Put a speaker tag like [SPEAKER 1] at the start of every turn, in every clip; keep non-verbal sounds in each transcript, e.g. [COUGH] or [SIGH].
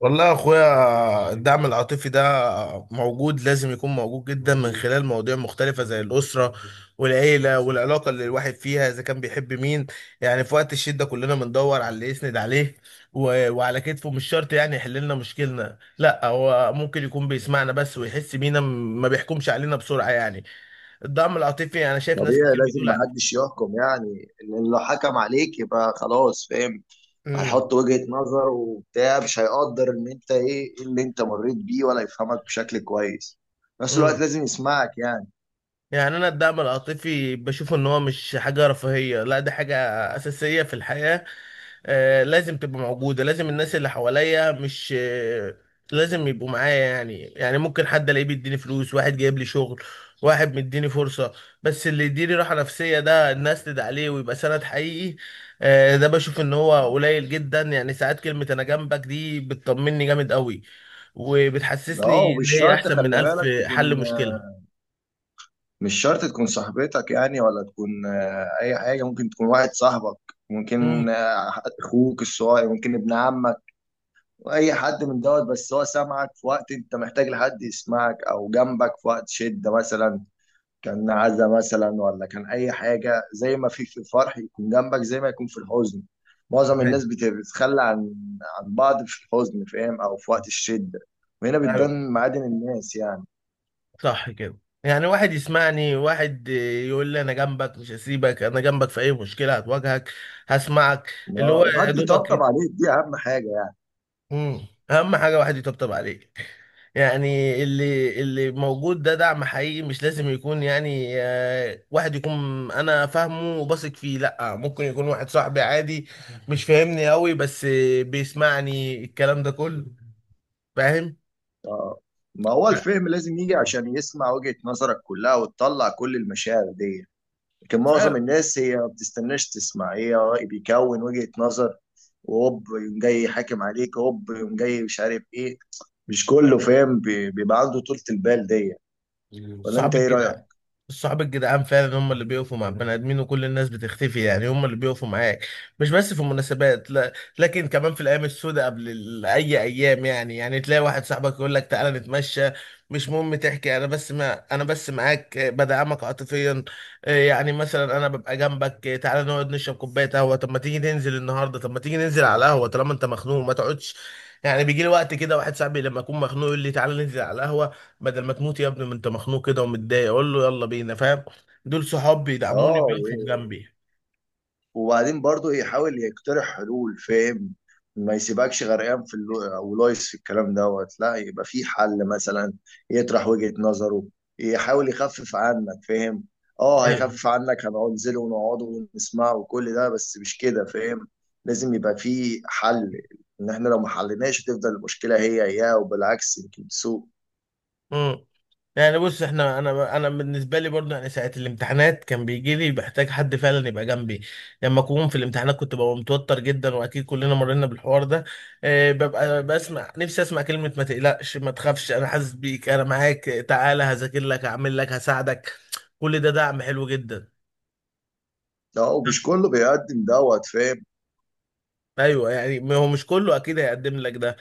[SPEAKER 1] والله يا اخويا الدعم العاطفي ده موجود، لازم يكون موجود جدا من خلال مواضيع مختلفة زي الأسرة والعيلة والعلاقة اللي الواحد فيها إذا كان بيحب مين. يعني في وقت الشدة كلنا بندور على اللي يسند عليه وعلى كتفه. مش شرط يعني يحل لنا مشكلنا، لا هو ممكن يكون بيسمعنا بس ويحس بينا، ما بيحكمش علينا بسرعة يعني. الدعم العاطفي أنا شايف ناس
[SPEAKER 2] طبيعي،
[SPEAKER 1] كتير
[SPEAKER 2] لازم
[SPEAKER 1] بتقول
[SPEAKER 2] محدش يحكم يعني، لان لو حكم عليك يبقى خلاص فاهم. هيحط وجهة نظر وبتاع، مش هيقدر ان انت إيه اللي انت مريت بيه، ولا يفهمك بشكل كويس. في نفس الوقت
[SPEAKER 1] امم
[SPEAKER 2] لازم يسمعك يعني.
[SPEAKER 1] يعني انا الدعم العاطفي بشوف ان هو مش حاجه رفاهيه، لا ده حاجه اساسيه في الحياه. آه، لازم تبقى موجوده، لازم الناس اللي حواليا مش لازم يبقوا معايا. يعني يعني ممكن حد الاقيه بيديني فلوس، واحد جايب لي شغل، واحد مديني فرصه، بس اللي يديني راحه نفسيه، ده الناس تدعي عليه ويبقى سند حقيقي. آه، ده بشوف ان هو قليل جدا. يعني ساعات كلمه انا جنبك دي بتطمني جامد قوي، وبتحسسني
[SPEAKER 2] اه، ومش
[SPEAKER 1] ان هي
[SPEAKER 2] شرط،
[SPEAKER 1] احسن من
[SPEAKER 2] خلي
[SPEAKER 1] الف
[SPEAKER 2] بالك تكون،
[SPEAKER 1] حل مشكله.
[SPEAKER 2] مش شرط تكون صاحبتك يعني، ولا تكون اي حاجة. ممكن تكون واحد صاحبك، ممكن
[SPEAKER 1] مم.
[SPEAKER 2] اخوك الصغير، ممكن ابن عمك، واي حد من دوت. بس هو سامعك في وقت انت محتاج لحد يسمعك، او جنبك في وقت شدة مثلا، كان عزا مثلا، ولا كان اي حاجه. زي ما في الفرح يكون جنبك، زي ما يكون في الحزن. معظم الناس بتتخلى عن بعض في الحزن، فاهم، او في وقت الشده. وهنا بتبان معادن الناس يعني.
[SPEAKER 1] صح كده. يعني واحد يسمعني، واحد يقول لي انا جنبك مش هسيبك، انا جنبك في اي مشكله هتواجهك، هسمعك، اللي هو يا
[SPEAKER 2] وحد يطبطب
[SPEAKER 1] دوبك.
[SPEAKER 2] عليك، دي اهم حاجه يعني.
[SPEAKER 1] مم. اهم حاجه واحد يطبطب عليك. يعني اللي موجود ده دعم حقيقي. مش لازم يكون يعني آه، واحد يكون انا فاهمه وبثق فيه، لا ممكن يكون واحد صاحبي عادي مش فاهمني قوي، بس بيسمعني الكلام ده كله.
[SPEAKER 2] آه. ما هو
[SPEAKER 1] فاهم.
[SPEAKER 2] الفهم لازم يجي عشان يسمع وجهة نظرك كلها وتطلع كل المشاعر دي. لكن معظم الناس هي ما بتستناش تسمع، هي بيكون وجهة نظر، وهوب يقوم جاي حاكم عليك، هوب يقوم جاي مش عارف ايه. مش كله فاهم بيبقى عنده طولة البال دي. ولا انت
[SPEAKER 1] صحاب
[SPEAKER 2] ايه
[SPEAKER 1] الجدعان،
[SPEAKER 2] رأيك؟
[SPEAKER 1] الصحاب الجدعان فعلا هم اللي بيقفوا مع البني ادمين، وكل الناس بتختفي. يعني هم اللي بيقفوا معاك مش بس في المناسبات، لا لكن كمان في الايام السوداء قبل اي ايام. يعني يعني تلاقي واحد صاحبك يقول لك تعالى نتمشى، مش مهم تحكي، انا بس ما انا بس معاك آه، بدعمك عاطفيا. آه، يعني مثلا انا ببقى جنبك آه، تعالى نقعد نشرب كوبايه قهوه، طب ما تيجي ننزل النهارده، طب ما تيجي ننزل على القهوه طالما انت مخنوق، ما تقعدش. يعني بيجي لي وقت كده واحد صاحبي لما اكون مخنوق يقول لي تعالى ننزل على القهوه، بدل ما تموت يا ابني ما انت مخنوق كده ومتضايق، اقول له يلا بينا. فاهم، دول صحاب بيدعموني
[SPEAKER 2] اه.
[SPEAKER 1] بيقفوا جنبي.
[SPEAKER 2] وبعدين برضو يحاول يقترح حلول فاهم. ما يسيبكش غرقان في او لايس في الكلام دوت، لا يبقى في حل مثلا، يطرح وجهة نظره، يحاول يخفف عنك فاهم. اه
[SPEAKER 1] ايوه.
[SPEAKER 2] هيخفف عنك، هنقعد ننزله ونقعده ونسمعه وكل ده، بس مش كده فاهم. لازم يبقى في حل، ان احنا لو ما حليناش هتفضل المشكلة هي هي، وبالعكس يمكن تسوء.
[SPEAKER 1] امم. يعني بص احنا انا بالنسبه لي برضه، يعني ساعه الامتحانات كان بيجي لي بحتاج حد فعلا يبقى جنبي. لما اكون في الامتحانات كنت ببقى متوتر جدا، واكيد كلنا مرينا بالحوار ده. اه، ببقى بسمع نفسي، اسمع كلمه ما تقلقش، ما تخافش، انا حاسس بيك، انا معاك، تعالى هذاكر لك، هعمل لك، هساعدك. كل ده دعم حلو جدا.
[SPEAKER 2] اه ومش كله بيقدم دوت فاهم.
[SPEAKER 1] ايوه. يعني ما هو مش كله اكيد هيقدم لك ده،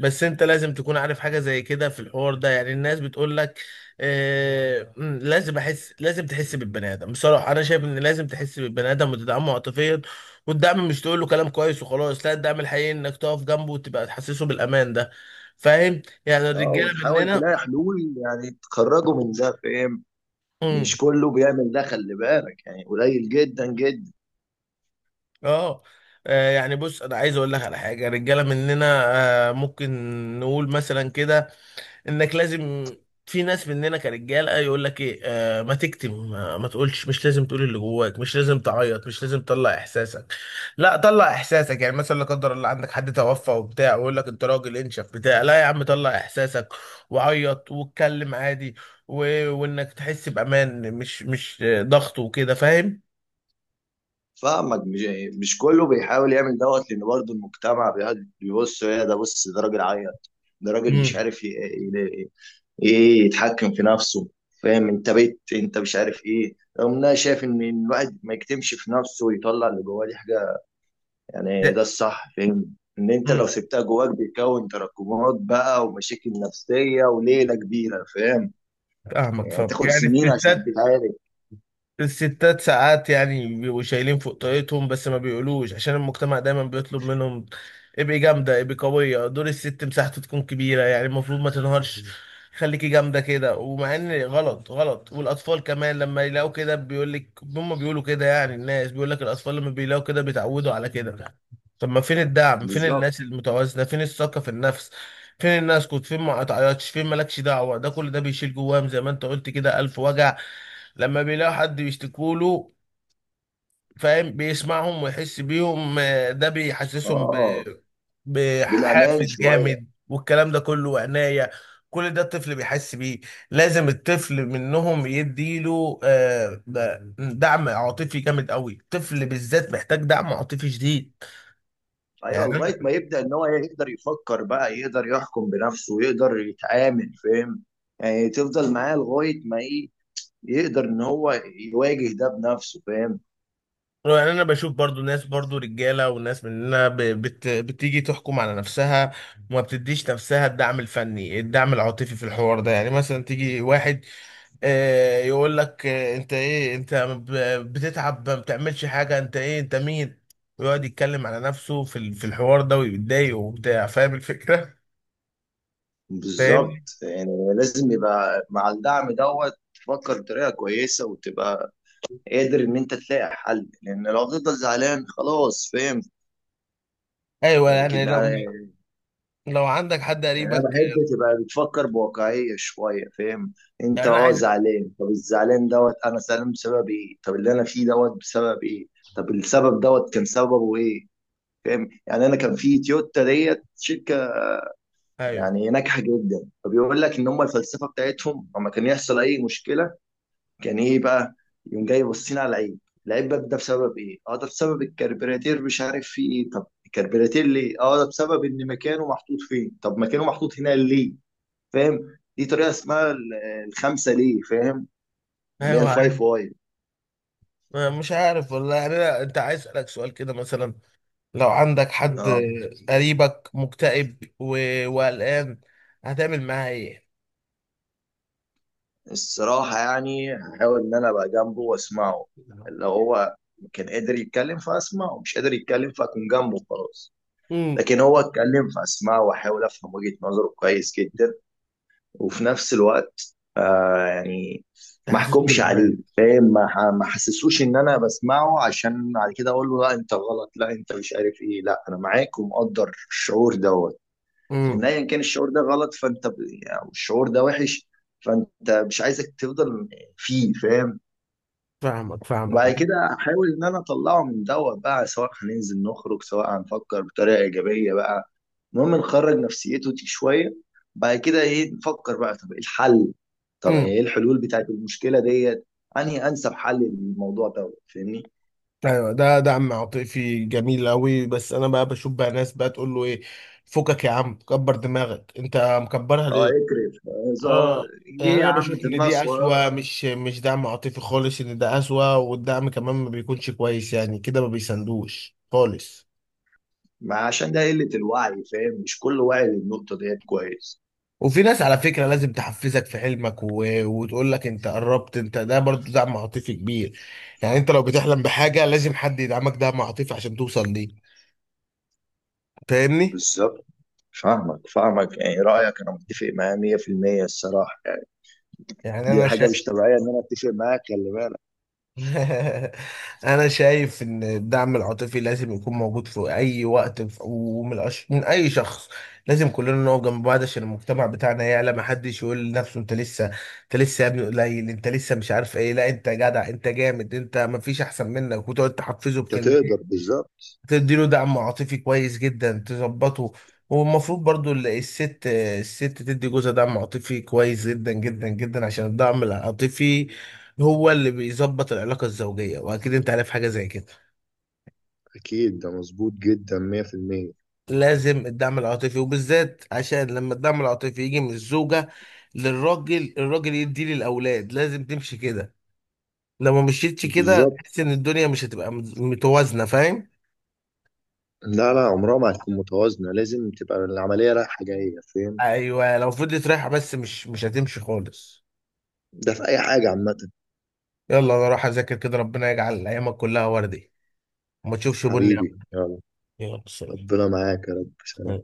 [SPEAKER 1] بس انت لازم تكون عارف حاجه زي كده في الحوار ده. يعني الناس بتقول لك آه لازم احس، لازم تحس بالبني ادم. بصراحه انا شايف ان لازم تحس بالبني ادم وتدعمه عاطفيا. والدعم مش تقول له كلام كويس وخلاص، لا الدعم الحقيقي انك تقف جنبه وتبقى تحسسه بالامان ده. فاهم، يعني
[SPEAKER 2] اه
[SPEAKER 1] الرجاله
[SPEAKER 2] وتحاول
[SPEAKER 1] مننا.
[SPEAKER 2] تلاقي حلول، يعني تخرجه من ده فاهم. مش
[SPEAKER 1] مم،
[SPEAKER 2] كله بيعمل ده، خلي بالك، يعني قليل جدا جدا.
[SPEAKER 1] اه، آه، يعني بص انا عايز اقول لك على حاجه، الرجاله مننا آه ممكن نقول مثلا كده انك لازم، في ناس مننا كرجاله يقول لك ايه آه، ما تكتم، ما تقولش، مش لازم تقول اللي جواك، مش لازم تعيط، مش لازم تطلع احساسك. لا طلع احساسك. يعني مثلا لا قدر الله عندك حد توفى وبتاع ويقول لك انت راجل انشف بتاع لا يا عم طلع احساسك وعيط واتكلم عادي. و... وانك تحس بامان، مش آه، ضغط وكده. فاهم.
[SPEAKER 2] فاهمك. مش كله بيحاول يعمل دوت، لان برضه المجتمع بيقعد يبص. ايه ده؟ بص، ده راجل عيل، ده راجل مش
[SPEAKER 1] امم.
[SPEAKER 2] عارف ايه، يتحكم في نفسه فاهم. انت بيت انت مش عارف ايه. رغم ان انا شايف ان الواحد ما يكتمش في نفسه ويطلع اللي جواه، دي حاجه يعني ده
[SPEAKER 1] ده-
[SPEAKER 2] الصح فاهم. ان انت لو
[SPEAKER 1] امم.
[SPEAKER 2] سبتها جواك بيكون تراكمات بقى، ومشاكل نفسيه وليله كبيره فاهم.
[SPEAKER 1] فاهمك
[SPEAKER 2] يعني
[SPEAKER 1] فاهمك.
[SPEAKER 2] تاخد
[SPEAKER 1] يعني
[SPEAKER 2] سنين عشان
[SPEAKER 1] الستات،
[SPEAKER 2] تتعالج.
[SPEAKER 1] الستات ساعات يعني بيبقوا شايلين فوق طاقتهم بس ما بيقولوش، عشان المجتمع دايما بيطلب منهم ابقي جامدة، ابقي قوية. دور الست مساحته تكون كبيرة، يعني المفروض ما تنهارش، خليكي جامدة كده. ومع ان غلط غلط. والأطفال كمان لما يلاقوا كده بيقولك هم بيقولوا كده. يعني الناس بيقولك الأطفال لما بيلاقوا كده بيتعودوا على كده. طب ما فين الدعم؟ فين
[SPEAKER 2] بالظبط.
[SPEAKER 1] الناس المتوازنة؟ فين الثقة في النفس؟ فين الناس كنت فين ما تعيطش فين مالكش دعوة؟ ده كل ده بيشيل جواهم زي ما انت قلت كده ألف وجع. لما بيلاقوا حد بيشتكوا له، فاهم، بيسمعهم ويحس بيهم آه، ده بيحسسهم
[SPEAKER 2] اه بالامان
[SPEAKER 1] بحافز
[SPEAKER 2] شويه.
[SPEAKER 1] جامد والكلام ده كله وعناية. كل ده الطفل بيحس بيه. لازم الطفل منهم يديله آه، دعم عاطفي جامد قوي. الطفل بالذات محتاج دعم عاطفي شديد.
[SPEAKER 2] ايوه،
[SPEAKER 1] يعني
[SPEAKER 2] لغايه ما يبدا ان هو يقدر يفكر بقى، يقدر يحكم بنفسه، يقدر يتعامل فاهم. يعني تفضل معاه لغايه ما ايه، يقدر ان هو يواجه ده بنفسه فاهم.
[SPEAKER 1] انا بشوف برضو ناس برضو رجاله وناس مننا ب- بت بتيجي تحكم على نفسها وما بتديش نفسها الدعم الفني، الدعم العاطفي في الحوار ده. يعني مثلا تيجي واحد آه، يقول لك آه، انت ايه انت بتتعب، ما بتعملش حاجه، انت ايه، انت مين؟ ويقعد يتكلم على نفسه في في الحوار ده ويتضايق وبتاع. فاهم الفكره.
[SPEAKER 2] بالظبط.
[SPEAKER 1] فاهمني.
[SPEAKER 2] يعني لازم يبقى مع الدعم دوت تفكر بطريقه كويسه، وتبقى قادر ان انت تلاقي حل، لان لو هتفضل زعلان خلاص فاهم.
[SPEAKER 1] ايوه. يعني
[SPEAKER 2] لكن
[SPEAKER 1] لو لو عندك حد
[SPEAKER 2] يعني انا
[SPEAKER 1] قريبك.
[SPEAKER 2] بحب تبقى بتفكر بواقعيه شويه فاهم. انت
[SPEAKER 1] يعني انا
[SPEAKER 2] اه
[SPEAKER 1] عايز
[SPEAKER 2] زعلان، طب الزعلان دوت انا زعلان بسبب ايه؟ طب اللي انا فيه دوت بسبب ايه؟ طب السبب دوت كان سببه ايه؟ فاهم. يعني انا كان في تويوتا ديت شركه
[SPEAKER 1] ايوه
[SPEAKER 2] يعني ناجحه جدا، فبيقول لك ان هم الفلسفه بتاعتهم لما كان يحصل اي مشكله كان ايه بقى؟ يقوم جاي باصين على العيب. العيب بقى ده بسبب ايه؟ اه ده بسبب الكربراتير، مش عارف فيه ايه. طب الكربراتير ليه؟ اه ده بسبب ان مكانه محطوط فين. طب مكانه محطوط هنا ليه؟ فاهم. دي طريقه اسمها الخمسه ليه فاهم، اللي هي
[SPEAKER 1] ايوه عايز-
[SPEAKER 2] الفايف واي.
[SPEAKER 1] مش عارف والله. يعني انت عايز اسالك سؤال كده مثلا، لو عندك حد
[SPEAKER 2] اه.
[SPEAKER 1] قريبك مكتئب وقلقان، هتعمل معاه ايه؟
[SPEAKER 2] الصراحه يعني هحاول ان انا ابقى جنبه واسمعه، اللي هو كان قادر يتكلم فاسمعه، مش قادر يتكلم فاكون جنبه خلاص.
[SPEAKER 1] امم.
[SPEAKER 2] لكن هو اتكلم فاسمعه، واحاول افهم وجهه نظره كويس جدا. وفي نفس الوقت آه يعني ما
[SPEAKER 1] تحسسه
[SPEAKER 2] احكمش عليه
[SPEAKER 1] بالامان.
[SPEAKER 2] فاهم. ما احسسوش ان انا بسمعه عشان بعد كده اقول له لا انت غلط، لا انت مش عارف ايه. لا، انا معاك ومقدر الشعور ده. ان
[SPEAKER 1] امم.
[SPEAKER 2] ايا كان الشعور ده غلط فانت او الشعور ده وحش، فانت مش عايزك تفضل فيه فاهم.
[SPEAKER 1] فاهمك فاهمك.
[SPEAKER 2] وبعد كده احاول ان انا اطلعه من دوت بقى، سواء هننزل نخرج، سواء هنفكر بطريقه ايجابيه بقى. المهم نخرج نفسيته دي شويه. بعد كده ايه؟ نفكر بقى، طب ايه الحل؟ طب
[SPEAKER 1] امم.
[SPEAKER 2] ايه الحلول بتاعت المشكله ديت؟ انهي انسب حل للموضوع دوت فاهمني.
[SPEAKER 1] ايوه ده عم عاطفي جميل قوي. بس انا بقى بشوف بقى ناس بقى تقول له ايه، فكك يا عم، كبر دماغك، انت مكبرها
[SPEAKER 2] اه
[SPEAKER 1] ليه؟
[SPEAKER 2] اكرف
[SPEAKER 1] اه. يعني
[SPEAKER 2] ليه يا
[SPEAKER 1] انا
[SPEAKER 2] عم
[SPEAKER 1] بشوف ان
[SPEAKER 2] دماغ
[SPEAKER 1] دي
[SPEAKER 2] صغيره.
[SPEAKER 1] اسوأ، مش دعم عاطفي خالص، ان ده اسوأ، والدعم كمان ما بيكونش كويس، يعني كده ما بيساندوش خالص.
[SPEAKER 2] ما عشان ده قله الوعي فاهم، مش كل واعي للنقطه ديت كويس.
[SPEAKER 1] وفي ناس على فكرة لازم تحفزك في حلمك وتقول لك انت قربت، انت ده برضو دعم عاطفي كبير. يعني انت لو بتحلم بحاجة لازم حد يدعمك دعم عاطفي عشان توصل ليه. فاهمني.
[SPEAKER 2] بالظبط. فاهمك فاهمك يعني رأيك، أنا متفق معاه 100% الصراحة يعني.
[SPEAKER 1] يعني
[SPEAKER 2] دي
[SPEAKER 1] انا
[SPEAKER 2] حاجة
[SPEAKER 1] شا...
[SPEAKER 2] مش طبيعية إن أنا أتفق معاك، خلي بالك.
[SPEAKER 1] [LAUGHS] انا شايف ان الدعم العاطفي لازم يكون موجود في اي وقت ومن من اي شخص. لازم كلنا نقف جنب بعض عشان المجتمع بتاعنا يعلى. ما حدش يقول لنفسه انت لسه، انت لسه يا ابني قليل، انت لسه مش عارف ايه. لا انت جدع، انت جامد، انت ما فيش احسن منك، وتقعد تحفزه
[SPEAKER 2] أنت
[SPEAKER 1] بكلمتين
[SPEAKER 2] تقدر بالظبط.
[SPEAKER 1] تديله دعم عاطفي كويس جدا، تظبطه. والمفروض برضو الست، الست تدي جوزها دعم عاطفي كويس جدا جدا جدا، عشان الدعم العاطفي هو اللي بيظبط العلاقة الزوجية، واكيد انت عارف حاجة زي كده.
[SPEAKER 2] أكيد ده مظبوط جدا 100%.
[SPEAKER 1] لازم الدعم العاطفي، وبالذات عشان لما الدعم العاطفي يجي من الزوجة للراجل، الراجل يديه للأولاد، لازم تمشي كده. لو ما مشيتش كده
[SPEAKER 2] بالظبط.
[SPEAKER 1] تحس ان الدنيا مش هتبقى متوازنة. فاهم.
[SPEAKER 2] لا لا، عمرها ما هتكون متوازنة، لازم تبقى العملية رايحة جاية فاهم.
[SPEAKER 1] ايوه. لو فضلت رايحة بس، مش هتمشي خالص.
[SPEAKER 2] ده في أي حاجة عامة.
[SPEAKER 1] يلا انا اروح اذاكر كده. ربنا يجعل ايامك كلها وردي وما تشوفش بني.
[SPEAKER 2] حبيبي يلا.
[SPEAKER 1] يلا سلام.
[SPEAKER 2] ربنا معاك يا رب.